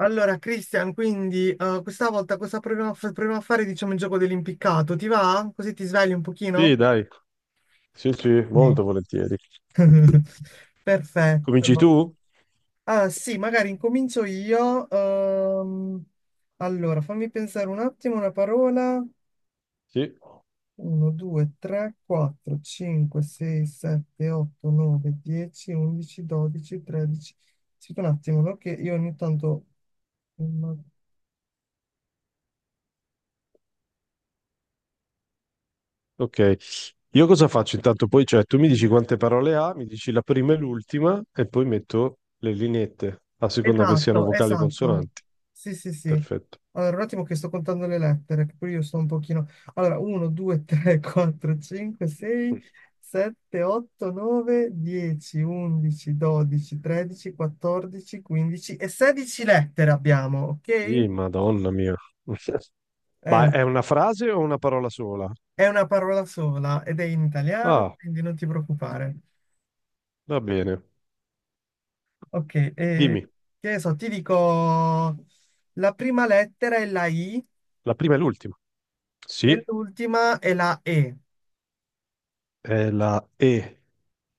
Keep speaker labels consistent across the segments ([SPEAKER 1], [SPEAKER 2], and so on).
[SPEAKER 1] Allora, Christian, quindi questa volta cosa proviamo a fare, diciamo, il gioco dell'impiccato? Ti va? Così ti svegli un
[SPEAKER 2] Sì,
[SPEAKER 1] pochino?
[SPEAKER 2] dai, sì, sì,
[SPEAKER 1] Sì.
[SPEAKER 2] molto volentieri. Cominci
[SPEAKER 1] Perfetto.
[SPEAKER 2] tu?
[SPEAKER 1] Ah, sì, magari incomincio io. Allora, fammi pensare un attimo una parola.
[SPEAKER 2] Sì,
[SPEAKER 1] 1, 2, 3, 4, 5, 6, 7, 8, 9, 10, 11, 12, 13. Aspetta un attimo, no? Che io ogni tanto.
[SPEAKER 2] ok. Io cosa faccio intanto? Poi, cioè, tu mi dici quante parole ha, mi dici la prima e l'ultima e poi metto le lineette, a seconda che siano
[SPEAKER 1] Esatto,
[SPEAKER 2] vocali
[SPEAKER 1] esatto.
[SPEAKER 2] consonanti.
[SPEAKER 1] Sì, sì, sì.
[SPEAKER 2] Perfetto.
[SPEAKER 1] Allora, un attimo che sto contando le lettere, che pure io sto un pochino. Allora, 1, 2, 3, 4, 5, 6, 7, 8, 9, 10, 11, 12, 13, 14, 15 e 16 lettere abbiamo, ok?
[SPEAKER 2] Sì,
[SPEAKER 1] Eh,
[SPEAKER 2] madonna mia. Ma è una frase o una parola sola?
[SPEAKER 1] è una parola sola ed è in italiano,
[SPEAKER 2] Ah,
[SPEAKER 1] quindi non ti preoccupare.
[SPEAKER 2] va bene.
[SPEAKER 1] Ok,
[SPEAKER 2] Dimmi,
[SPEAKER 1] che ne so, ti dico la prima lettera è la I
[SPEAKER 2] la prima e l'ultima.
[SPEAKER 1] e
[SPEAKER 2] Sì,
[SPEAKER 1] l'ultima è la E.
[SPEAKER 2] è la E.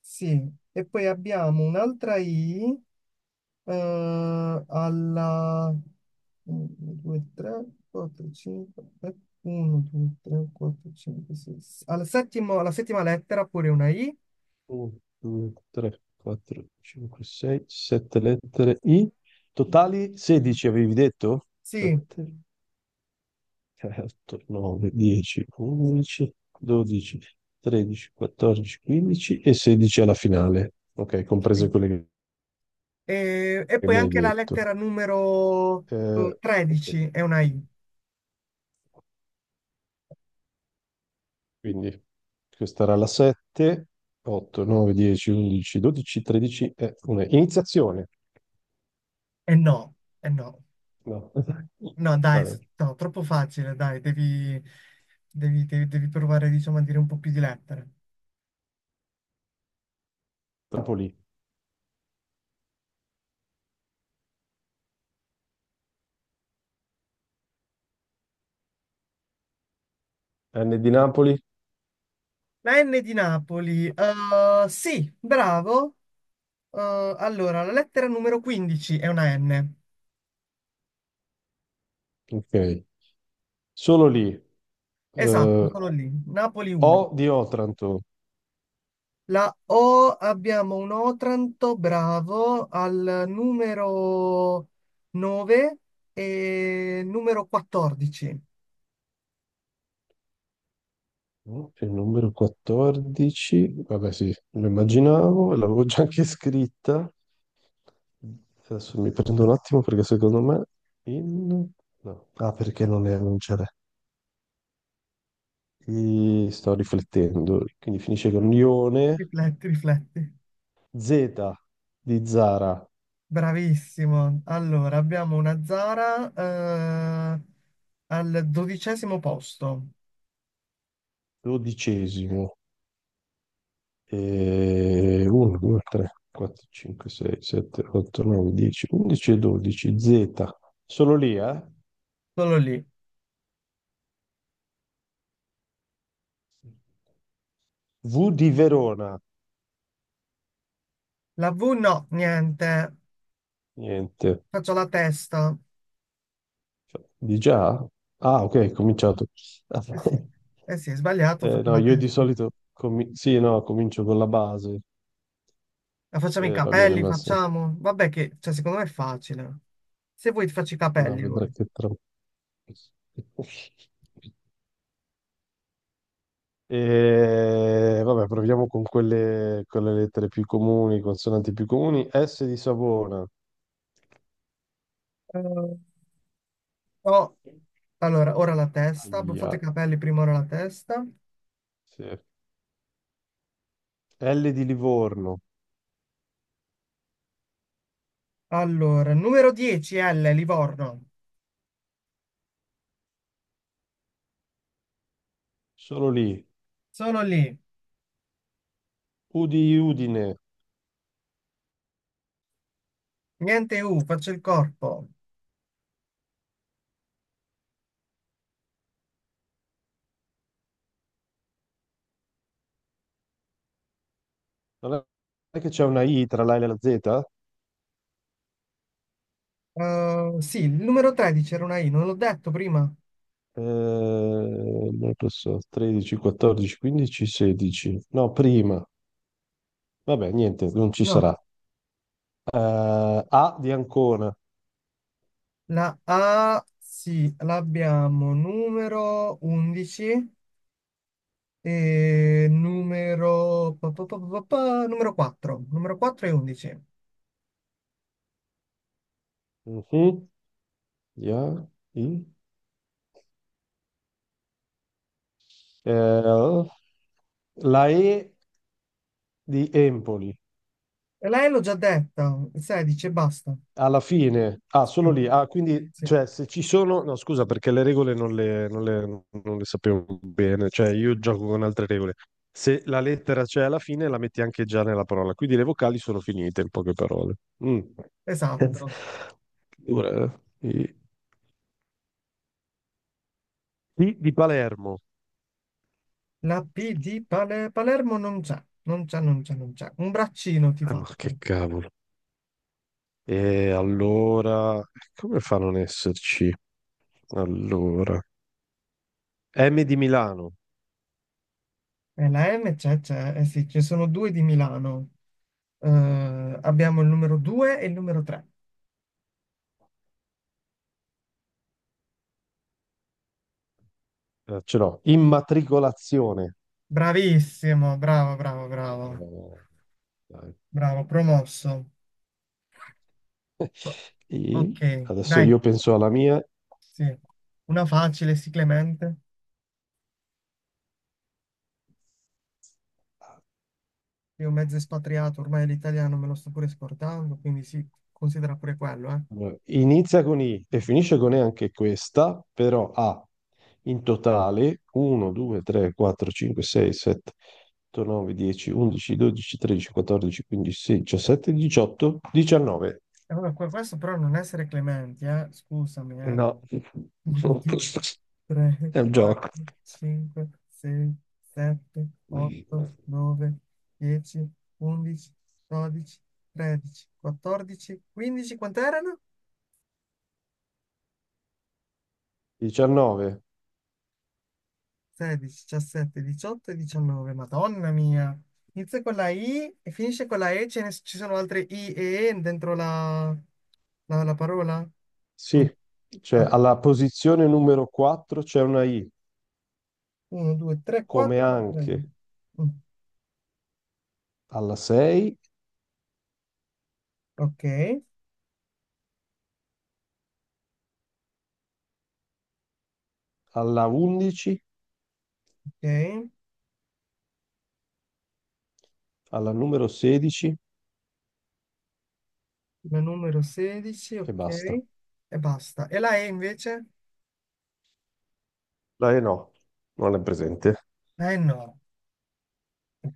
[SPEAKER 1] Sì, e poi abbiamo un'altra I eh, alla 1, 2, 3, 4, 5, 1, 2, 3, 4, 5, 6, alla settima lettera pure una I.
[SPEAKER 2] 1, 2, 3, 4, 5, 6, 7 lettere I. Totali 16 avevi detto?
[SPEAKER 1] Sì,
[SPEAKER 2] 7, 8, 9, 10, 11, 12, 13, 14, 15 e 16 alla finale. Ok,
[SPEAKER 1] sì.
[SPEAKER 2] comprese quelle che
[SPEAKER 1] E
[SPEAKER 2] che
[SPEAKER 1] poi
[SPEAKER 2] mi hai
[SPEAKER 1] anche la
[SPEAKER 2] detto.
[SPEAKER 1] lettera numero
[SPEAKER 2] Eh, ok,
[SPEAKER 1] 13 è una I.
[SPEAKER 2] quindi questa era la 7, 8, 9, 10, 11, 12, 13 e una iniziazione.
[SPEAKER 1] E no, e no,
[SPEAKER 2] No.
[SPEAKER 1] no,
[SPEAKER 2] Va
[SPEAKER 1] dai,
[SPEAKER 2] bene.
[SPEAKER 1] no, troppo facile, dai, devi provare, diciamo, a dire un po' più di lettere.
[SPEAKER 2] Napoli. N di Napoli.
[SPEAKER 1] La N di Napoli. Sì, bravo. Allora, la lettera numero 15 è una N.
[SPEAKER 2] Ok, solo lì.
[SPEAKER 1] Esatto,
[SPEAKER 2] Eh,
[SPEAKER 1] sono lì. Napoli
[SPEAKER 2] O
[SPEAKER 1] 1.
[SPEAKER 2] di Otranto,
[SPEAKER 1] La O abbiamo un Otranto, bravo, al numero 9 e numero 14.
[SPEAKER 2] no? Il numero 14, vabbè sì, lo immaginavo, l'avevo già anche scritta. Adesso mi prendo un attimo perché secondo me in... no. Ah, perché non è, non ce l'è. Sto riflettendo, quindi finisce con Ione,
[SPEAKER 1] Rifletti, rifletti.
[SPEAKER 2] Z di Zara,
[SPEAKER 1] Bravissimo. Allora, abbiamo una Zara, eh, al dodicesimo posto.
[SPEAKER 2] dodicesimo. E 1, 2, 3, 4, 5, 6, 7, 8, 9, 10, 11 e 12. Z. Solo lì, eh?
[SPEAKER 1] Solo lì.
[SPEAKER 2] V di Verona.
[SPEAKER 1] La V no, niente.
[SPEAKER 2] Niente.
[SPEAKER 1] Faccio la testa.
[SPEAKER 2] Cioè, di già? Ah, ok, è cominciato.
[SPEAKER 1] Eh sì, eh sì, è sbagliato, faccio
[SPEAKER 2] No,
[SPEAKER 1] la
[SPEAKER 2] io di
[SPEAKER 1] testa.
[SPEAKER 2] solito, sì, no, comincio con la base.
[SPEAKER 1] La facciamo i
[SPEAKER 2] Va bene,
[SPEAKER 1] capelli,
[SPEAKER 2] Massimo.
[SPEAKER 1] facciamo. Vabbè che, cioè, secondo me è facile. Se vuoi ti faccio i
[SPEAKER 2] No,
[SPEAKER 1] capelli ora.
[SPEAKER 2] vedrai che tra. E vabbè, proviamo con quelle, con le lettere più comuni, consonanti più comuni. S di Savona,
[SPEAKER 1] Eh, no. Allora, ora la testa. Abbiamo fatto i
[SPEAKER 2] aia,
[SPEAKER 1] capelli, prima ora la testa.
[SPEAKER 2] sì. L di Livorno,
[SPEAKER 1] Allora, numero 10, L, Livorno.
[SPEAKER 2] solo lì.
[SPEAKER 1] Sono lì.
[SPEAKER 2] U di Udine,
[SPEAKER 1] Niente U, faccio il corpo.
[SPEAKER 2] non è che c'è una I tra la L e la Z?
[SPEAKER 1] Sì, il numero 13 era una I, non l'ho detto prima.
[SPEAKER 2] Non lo so, 13, 14, 15, 16. No, prima. Vabbè, niente, non ci
[SPEAKER 1] No.
[SPEAKER 2] sarà. Eh, A di Ancona.
[SPEAKER 1] La A, sì, l'abbiamo numero 11 e numero, pa, pa, pa, pa, pa, pa, numero 4. Numero 4 e 11. E
[SPEAKER 2] Mhm. Ya, I. Eh, la E di Empoli
[SPEAKER 1] lei l'ho già detta, 16 e basta.
[SPEAKER 2] alla fine, ah, solo
[SPEAKER 1] Sì,
[SPEAKER 2] lì. Ah, quindi,
[SPEAKER 1] sì,
[SPEAKER 2] cioè, se ci sono, no, scusa, perché le regole non le sapevo bene. Cioè, io gioco con altre regole. Se la lettera c'è alla fine, la metti anche già nella parola. Quindi le vocali sono finite, in poche parole. Mm.
[SPEAKER 1] esatto.
[SPEAKER 2] Ora, di Palermo.
[SPEAKER 1] La P di Palermo non c'è, non c'è, non c'è, non c'è. Un braccino ti
[SPEAKER 2] Ah, ma che
[SPEAKER 1] faccio.
[SPEAKER 2] cavolo. E allora, come fa a non esserci? Allora, M di Milano.
[SPEAKER 1] E la M c'è, c'è, eh sì, ci sono due di Milano. Eh, abbiamo il numero 2 e il numero 3.
[SPEAKER 2] Ce l'ho, immatricolazione.
[SPEAKER 1] Bravissimo, bravo, bravo, bravo.
[SPEAKER 2] Eh, dai.
[SPEAKER 1] Bravo, promosso. Ok,
[SPEAKER 2] Adesso
[SPEAKER 1] dai,
[SPEAKER 2] io penso alla mia.
[SPEAKER 1] sì. Una facile, sì, Clemente. Io mezzo espatriato, ormai l'italiano me lo sto pure scordando, quindi sì, considera pure quello, eh.
[SPEAKER 2] Allora, inizia con I e finisce con E anche questa, però ha in totale 1, 2, 3, 4, 5, 6, 7, 8, 9, 10, 11, 12, 13, 14, 15, 16, 17, 18, 19.
[SPEAKER 1] E vabbè, questo però non essere Clementi, eh. Scusami, eh.
[SPEAKER 2] No.
[SPEAKER 1] Uno, due, tre,
[SPEAKER 2] È un
[SPEAKER 1] quattro,
[SPEAKER 2] gioco.
[SPEAKER 1] cinque, sei, sette, otto, nove, dieci, undici, dodici, tredici, quattordici, quindici, quant'erano?
[SPEAKER 2] 19.
[SPEAKER 1] 16, 17, 18 e 19. Madonna mia. Inizia con la I e finisce con la E. Ci sono altre I e E dentro la parola? Mm.
[SPEAKER 2] Sì, cioè
[SPEAKER 1] Ah,
[SPEAKER 2] alla posizione numero 4 c'è una I,
[SPEAKER 1] 1, 2, 3,
[SPEAKER 2] come
[SPEAKER 1] 4, altra
[SPEAKER 2] anche
[SPEAKER 1] I. Mm.
[SPEAKER 2] alla 6,
[SPEAKER 1] Ok,
[SPEAKER 2] alla 11,
[SPEAKER 1] ok.
[SPEAKER 2] alla numero 16
[SPEAKER 1] La numero 16,
[SPEAKER 2] e
[SPEAKER 1] ok.
[SPEAKER 2] basta.
[SPEAKER 1] E basta. E la E invece?
[SPEAKER 2] La E no, non è presente.
[SPEAKER 1] La E no.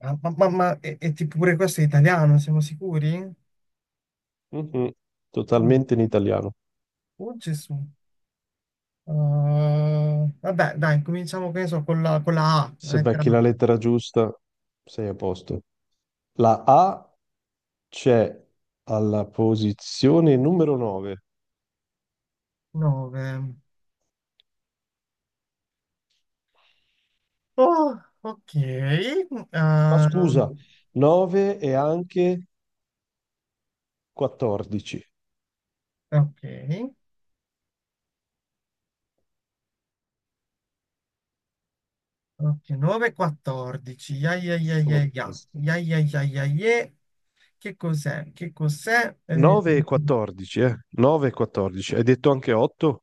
[SPEAKER 1] Ma tipo pure questo è italiano, siamo sicuri?
[SPEAKER 2] Mhm.
[SPEAKER 1] Mm.
[SPEAKER 2] Totalmente in italiano.
[SPEAKER 1] Oh Gesù. Vabbè, dai, cominciamo che ne so, con la A, la
[SPEAKER 2] Se
[SPEAKER 1] lettera
[SPEAKER 2] becchi
[SPEAKER 1] A.
[SPEAKER 2] la lettera giusta, sei a posto. La A c'è alla posizione numero 9.
[SPEAKER 1] 9. Oh, ok.
[SPEAKER 2] No,
[SPEAKER 1] Uh,
[SPEAKER 2] scusa, 9 e anche 14.
[SPEAKER 1] ok. Ok, 9, 14. Ya, ya, ya, ya,
[SPEAKER 2] Ok.
[SPEAKER 1] ya. Ya, ya, ya, ya, ye. Che cos'è? Che cos'è? Eh,
[SPEAKER 2] 9 e 14, eh? 9 e 14. Hai detto anche 8?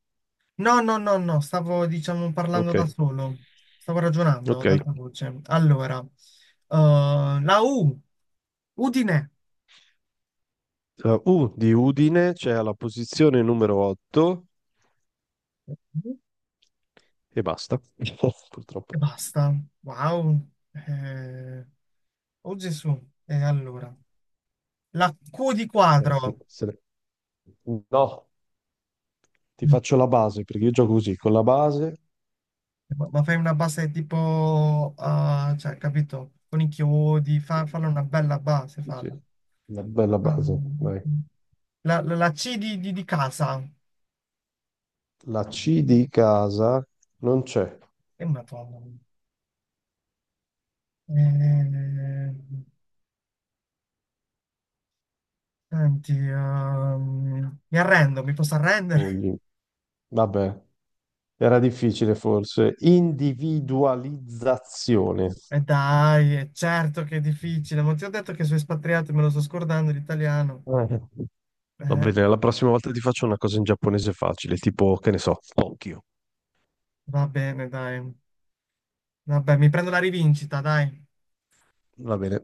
[SPEAKER 1] no, no, no, no, stavo, diciamo, parlando
[SPEAKER 2] Ok,
[SPEAKER 1] da solo. Stavo ragionando
[SPEAKER 2] ok.
[SPEAKER 1] ad alta voce. Allora, la U. Udine.
[SPEAKER 2] U di Udine c'è alla posizione numero 8 e basta. Oh,
[SPEAKER 1] E
[SPEAKER 2] purtroppo.
[SPEAKER 1] basta. Wow. Eh, oh Gesù. E allora, la Q di quadro.
[SPEAKER 2] Se ne- No, ti
[SPEAKER 1] No,
[SPEAKER 2] faccio la base perché io gioco così, con la base.
[SPEAKER 1] ma fai una base tipo, ah, cioè, capito? Con i chiodi, falla una bella base,
[SPEAKER 2] Sì, sì,
[SPEAKER 1] falla.
[SPEAKER 2] una bella base.
[SPEAKER 1] Mm.
[SPEAKER 2] Vai.
[SPEAKER 1] La C di casa.
[SPEAKER 2] La C di casa non c'è.
[SPEAKER 1] E madonna. Eh, senti, mi arrendo, mi posso arrendere?
[SPEAKER 2] Poi, vabbè, era difficile forse. Individualizzazione.
[SPEAKER 1] E dai, è certo che è difficile, ma ti ho detto che sono espatriato e me lo sto scordando l'italiano.
[SPEAKER 2] Eh. Va
[SPEAKER 1] Eh,
[SPEAKER 2] bene, la prossima volta ti faccio una cosa in giapponese facile, tipo, che ne so, Tokyo.
[SPEAKER 1] va bene, dai. Vabbè, mi prendo la rivincita, dai.
[SPEAKER 2] Va bene.